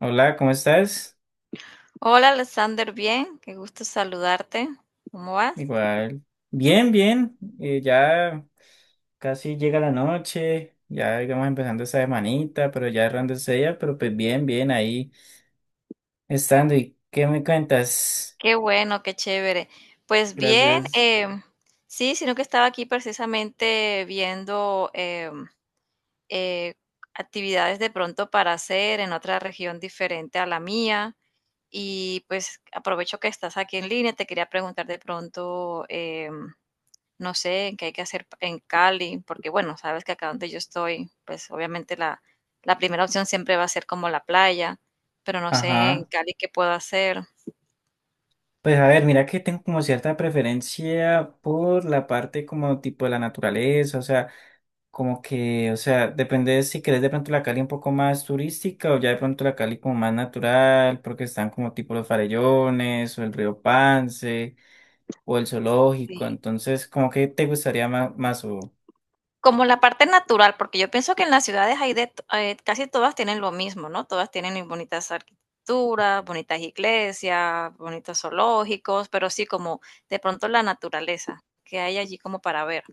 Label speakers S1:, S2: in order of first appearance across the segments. S1: Hola, ¿cómo estás?
S2: Hola Alexander, bien, qué gusto saludarte. ¿Cómo vas?
S1: Igual. Bien, bien. Ya casi llega la noche, ya digamos empezando esta semanita, pero ya errándose ella, pero pues bien, bien, ahí estando. ¿Y qué me cuentas?
S2: Qué bueno, qué chévere. Pues bien,
S1: Gracias.
S2: sí, sino que estaba aquí precisamente viendo eh, actividades de pronto para hacer en otra región diferente a la mía y pues aprovecho que estás aquí en línea, te quería preguntar de pronto no sé, qué hay que hacer en Cali, porque bueno, sabes que acá donde yo estoy, pues obviamente la primera opción siempre va a ser como la playa, pero no sé en
S1: Ajá.
S2: Cali qué puedo hacer.
S1: Pues a ver, mira que tengo como cierta preferencia por la parte como tipo de la naturaleza, o sea. Como que, o sea, depende de si querés de pronto la Cali un poco más turística o ya de pronto la Cali como más natural, porque están como tipo los farellones o el río Pance o el zoológico.
S2: Sí.
S1: Entonces, como que te gustaría más, más o...
S2: Como la parte natural, porque yo pienso que en las ciudades hay casi todas tienen lo mismo, ¿no? Todas tienen bonitas arquitecturas, bonitas iglesias, bonitos zoológicos, pero sí como de pronto la naturaleza que hay allí como para ver.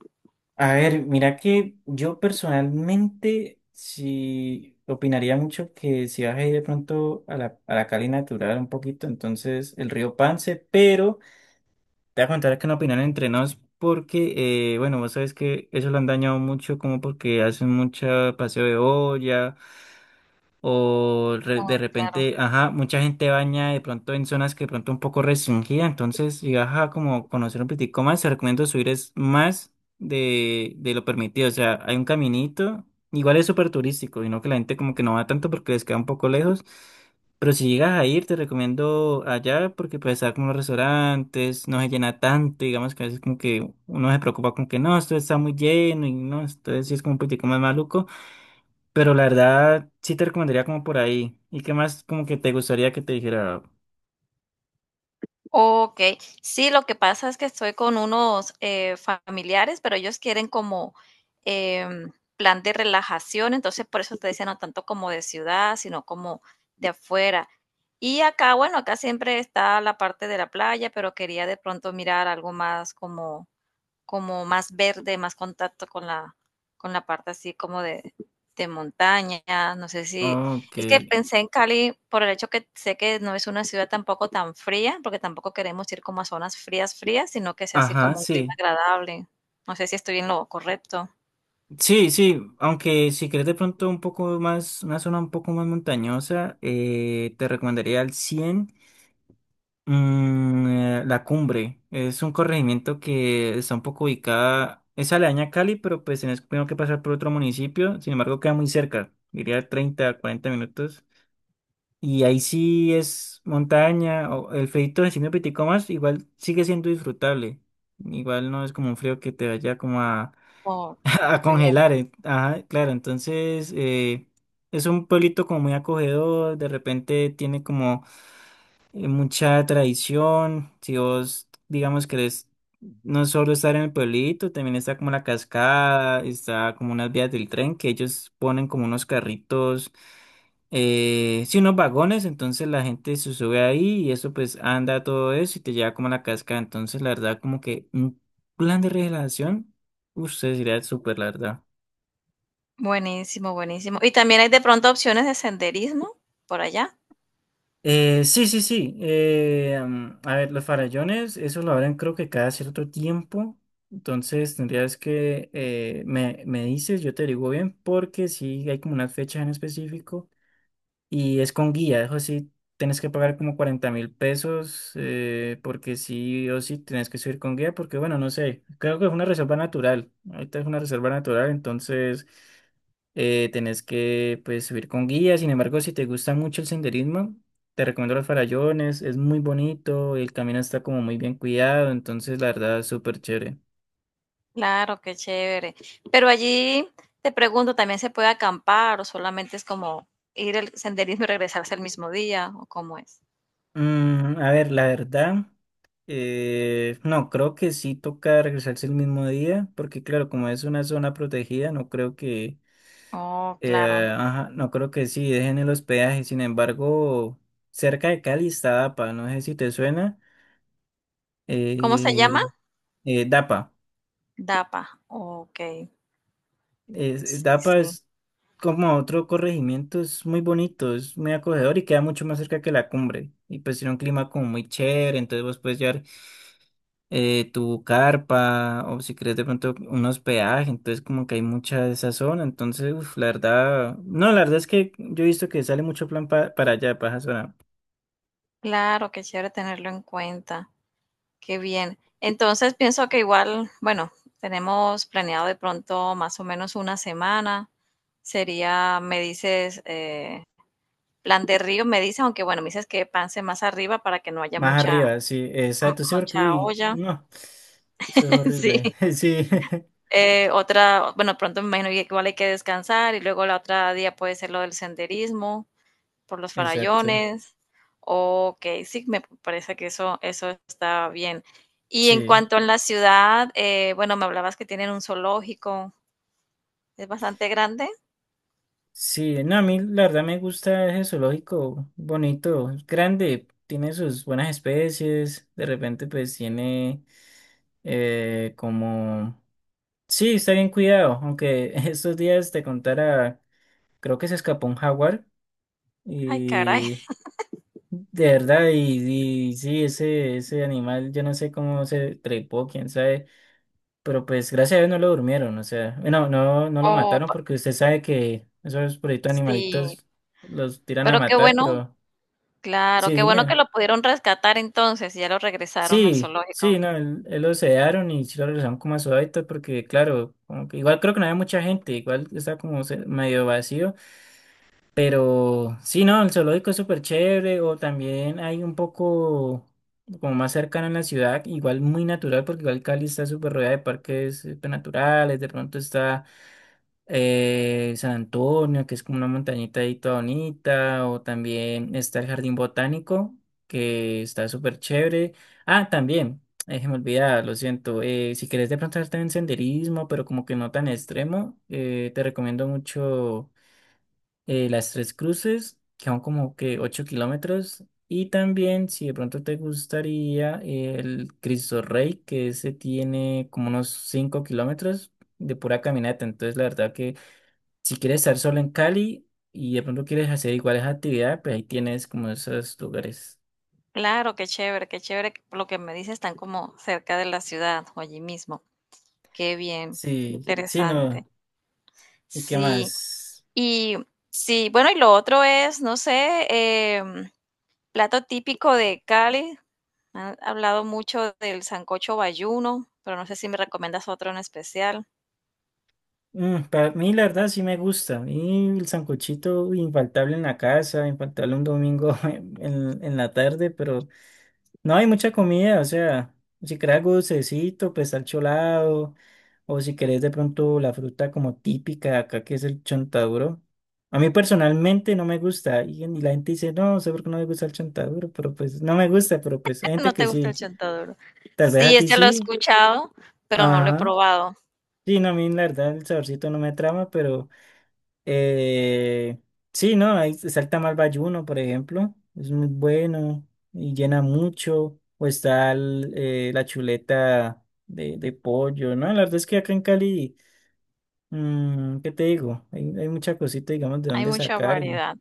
S1: A ver, mira que yo personalmente sí opinaría mucho que si vas a ir de pronto a a la Cali natural un poquito, entonces el río Pance, pero... Te voy a contar acá una opinión entre nos porque, bueno, vos sabes que eso lo han dañado mucho como porque hacen mucho paseo de olla, o
S2: Oh,
S1: de
S2: claro.
S1: repente, ajá, mucha gente baña de pronto en zonas que de pronto un poco restringida, entonces, y ajá, como conocer un poquitico más, te recomiendo subir es más de lo permitido, o sea, hay un caminito, igual es súper turístico, y no que la gente como que no va tanto porque les queda un poco lejos, pero si llegas a ir, te recomiendo allá porque puedes estar como los restaurantes, no se llena tanto, digamos que a veces como que uno se preocupa con que no, esto está muy lleno y no, entonces sí es como un poquitico más maluco. Pero la verdad, sí te recomendaría como por ahí. ¿Y qué más como que te gustaría que te dijera?
S2: Okey. Sí, lo que pasa es que estoy con unos, familiares, pero ellos quieren como, em, plan de relajación, entonces por eso te decía, no tanto como de ciudad, sino como de afuera. Y acá, bueno, acá siempre está la parte de la playa, pero quería de pronto mirar algo más como como más verde, más contacto con con la parte así como de montaña, no sé si,
S1: Ok.
S2: es que pensé en Cali por el hecho que sé que no es una ciudad tampoco tan fría, porque tampoco queremos ir como a zonas frías, frías, sino que sea así
S1: Ajá,
S2: como un clima
S1: sí.
S2: agradable. No sé si estoy en lo correcto.
S1: Sí, sí. Aunque si quieres de pronto un poco más, una zona un poco más montañosa, te recomendaría al La Cumbre. Es un corregimiento que está un poco ubicada, es aledaña a Cali, pero pues tienes primero que pasar por otro municipio. Sin embargo, queda muy cerca. Diría 30, 40 minutos. Y ahí sí es montaña, o el frío encima de signo pitico más igual sigue siendo disfrutable. Igual no es como un frío que te vaya como a,
S2: Oh,
S1: a
S2: qué bien.
S1: congelar. Ajá, claro, entonces es un pueblito como muy acogedor, de repente tiene como mucha tradición. Si vos, digamos, querés no solo estar en el pueblito, también está como la cascada, está como unas vías del tren que ellos ponen como unos carritos, sí, unos vagones. Entonces la gente se sube ahí y eso pues anda todo eso y te lleva como a la cascada. Entonces, la verdad, como que un plan de relajación, usted sería súper, la verdad.
S2: Buenísimo, buenísimo. ¿Y también hay de pronto opciones de senderismo por allá?
S1: Sí, sí, sí. A ver, los farallones, eso lo abren creo que cada cierto tiempo. Entonces tendrías que me dices, yo te digo bien, porque sí hay como una fecha en específico. Y es con guía, eso sí, tienes que pagar como 40.000 pesos, porque sí o sí tienes que subir con guía, porque bueno, no sé, creo que es una reserva natural, ahorita es una reserva natural, entonces tenés que pues subir con guía, sin embargo, si te gusta mucho el senderismo, te recomiendo los farallones, es muy bonito, el camino está como muy bien cuidado, entonces la verdad es súper chévere.
S2: Claro, qué chévere. Pero allí te pregunto, ¿también se puede acampar o solamente es como ir al senderismo y regresarse el mismo día o cómo es?
S1: A ver, la verdad, no, creo que sí toca regresarse el mismo día, porque claro, como es una zona protegida, no creo que,
S2: Oh,
S1: eh,
S2: claro.
S1: ajá, no creo que sí dejen el hospedaje. Sin embargo, cerca de Cali está DAPA, no sé si te suena,
S2: ¿Cómo se
S1: eh,
S2: llama?
S1: DAPA.
S2: DAPA. Ok, sí,
S1: DAPA
S2: sí.
S1: es como otro corregimiento, es muy bonito, es muy acogedor y queda mucho más cerca que la cumbre. Y pues tiene un clima como muy chévere, entonces vos puedes llevar tu carpa o si crees de pronto un hospedaje, entonces como que hay mucha de esa zona, entonces uf, la verdad, no, la verdad es que yo he visto que sale mucho plan para allá, para esa zona,
S2: Claro, qué chévere tenerlo en cuenta. Qué bien. Entonces pienso que igual, bueno, tenemos planeado de pronto más o menos una semana. Sería, me dices, plan de río, me dices, aunque bueno, me dices que pase más arriba para que no haya
S1: más
S2: mucha
S1: arriba, sí,
S2: M
S1: exacto, sí, porque
S2: mucha
S1: uy,
S2: olla,
S1: no, eso es horrible,
S2: sí.
S1: sí,
S2: Otra, bueno, pronto me imagino que igual hay que descansar y luego la otra día puede ser lo del senderismo por los
S1: exacto,
S2: farallones. Ok, sí, me parece que eso está bien. Y en
S1: sí,
S2: cuanto a la ciudad, bueno, me hablabas que tienen un zoológico, es bastante grande.
S1: sí, no, a mí la verdad me gusta ese zoológico, bonito, es grande, tiene sus buenas especies, de repente pues tiene como... Sí, está bien cuidado, aunque estos días te contara, creo que se escapó un jaguar
S2: Ay, caray.
S1: y de verdad, y sí, ese animal, yo no sé cómo se trepó, quién sabe, pero pues gracias a Dios no lo durmieron, o sea, bueno, no, no lo
S2: Oh,
S1: mataron
S2: pa-
S1: porque usted sabe que esos proyectos
S2: sí,
S1: animalitos los tiran a
S2: pero qué
S1: matar,
S2: bueno,
S1: pero
S2: claro,
S1: sí,
S2: qué bueno
S1: dime,
S2: que lo pudieron rescatar entonces y ya lo regresaron al
S1: sí,
S2: zoológico.
S1: sí, no, él lo sedaron y sí lo regresaron como a su hábitat porque claro, como que igual creo que no había mucha gente, igual está como medio vacío. Pero sí, no, el zoológico es súper chévere o también hay un poco como más cercano en la ciudad, igual muy natural porque igual Cali está súper rodeada de parques naturales, de pronto está San Antonio, que es como una montañita ahí toda bonita, o también está el Jardín Botánico, que está súper chévere. Ah, también, se me olvidaba, lo siento, si quieres de pronto hacer también senderismo, pero como que no tan extremo, te recomiendo mucho las Tres Cruces, que son como que 8 kilómetros. Y también, si de pronto te gustaría, el Cristo Rey, que ese tiene como unos 5 kilómetros de pura caminata. Entonces, la verdad que si quieres estar solo en Cali y de pronto quieres hacer iguales actividades, pues ahí tienes como esos lugares.
S2: Claro, qué chévere, qué chévere. Que por lo que me dices, están como cerca de la ciudad o allí mismo. Qué bien, qué
S1: Sí, sí,
S2: interesante.
S1: no. ¿Y qué
S2: Sí,
S1: más?
S2: y sí, bueno, y lo otro es, no sé, em, plato típico de Cali. Han hablado mucho del sancocho bayuno, pero no sé si me recomiendas otro en especial.
S1: Para mí, la verdad, sí me gusta. Y el sancochito infaltable en la casa, infaltable un domingo en la tarde, pero no hay mucha comida, o sea, si querés algo dulcecito, pues al cholado, o si querés de pronto la fruta como típica de acá, que es el chontaduro. A mí personalmente no me gusta, y la gente dice, no, no sé por qué no me gusta el chontaduro, pero pues no me gusta, pero pues hay gente
S2: No
S1: que
S2: te gusta el
S1: sí,
S2: chontaduro.
S1: tal vez a
S2: Sí,
S1: ti
S2: este lo he
S1: sí,
S2: escuchado, pero no lo he
S1: ajá.
S2: probado.
S1: Sí, no, a mí la verdad el saborcito no me trama, pero Eh, sí, ¿no? Ahí salta mal Bayuno, por ejemplo. Es muy bueno y llena mucho. O está la chuleta de pollo, ¿no? La verdad es que acá en Cali, ¿qué te digo? Hay mucha cosita, digamos, de
S2: Hay
S1: dónde
S2: mucha
S1: sacar.
S2: variedad.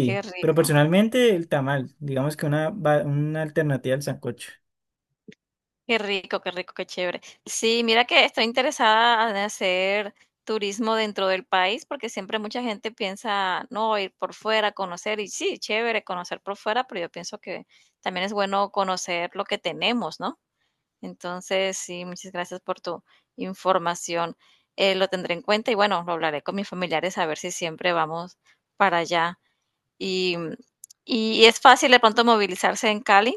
S2: Qué
S1: pero
S2: rico.
S1: personalmente el tamal, digamos que una, una alternativa al sancocho.
S2: Qué rico, qué rico, qué chévere. Sí, mira que estoy interesada en hacer turismo dentro del país porque siempre mucha gente piensa, no, ir por fuera, conocer, y sí, chévere conocer por fuera, pero yo pienso que también es bueno conocer lo que tenemos, ¿no? Entonces, sí, muchas gracias por tu información. Lo tendré en cuenta y bueno, lo hablaré con mis familiares a ver si siempre vamos para allá. Y, y es fácil de pronto movilizarse en Cali,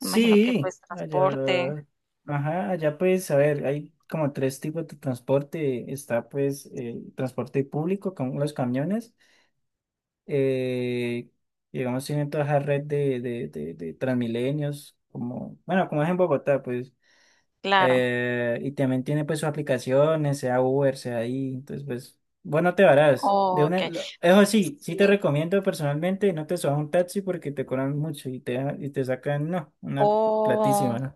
S2: me imagino que pues transporte,
S1: allá, ajá, allá pues, a ver, hay como tres tipos de transporte. Está pues el transporte público, como los camiones. Eh, digamos, tienen toda esa red de Transmilenios, como, bueno, como es en Bogotá, pues.
S2: claro.
S1: Y también tiene pues sus aplicaciones, sea Uber, sea ahí. Entonces, pues, bueno, te varás. De una,
S2: Okey.
S1: eso sí, sí te
S2: Sí.
S1: recomiendo personalmente, no te subas a un taxi porque te cobran mucho y te sacan, no, una
S2: Oh,
S1: platísima, ¿no?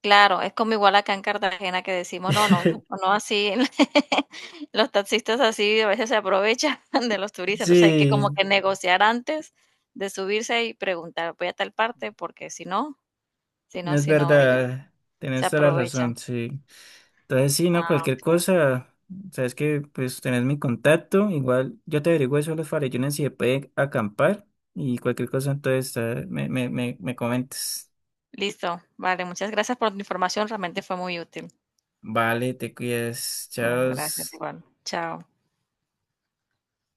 S2: claro, es como igual acá en Cartagena que decimos: "No, no, no así". Los taxistas así a veces se aprovechan de los turistas, entonces hay que como
S1: Sí,
S2: que negociar antes de subirse y preguntar: "Voy a tal parte", porque si no
S1: es
S2: si no, ellos
S1: verdad,
S2: se
S1: tenés toda la razón,
S2: aprovechan.
S1: sí. Entonces, sí, no,
S2: Ah,
S1: cualquier
S2: okey.
S1: cosa, sabes que pues tenés mi contacto, igual yo te averiguo eso de los farellones si se puede acampar y cualquier cosa, entonces me comentes.
S2: Listo. Vale, muchas gracias por tu información, realmente fue muy útil.
S1: Vale, te cuidas,
S2: Bueno,
S1: chao.
S2: gracias igual. Chao.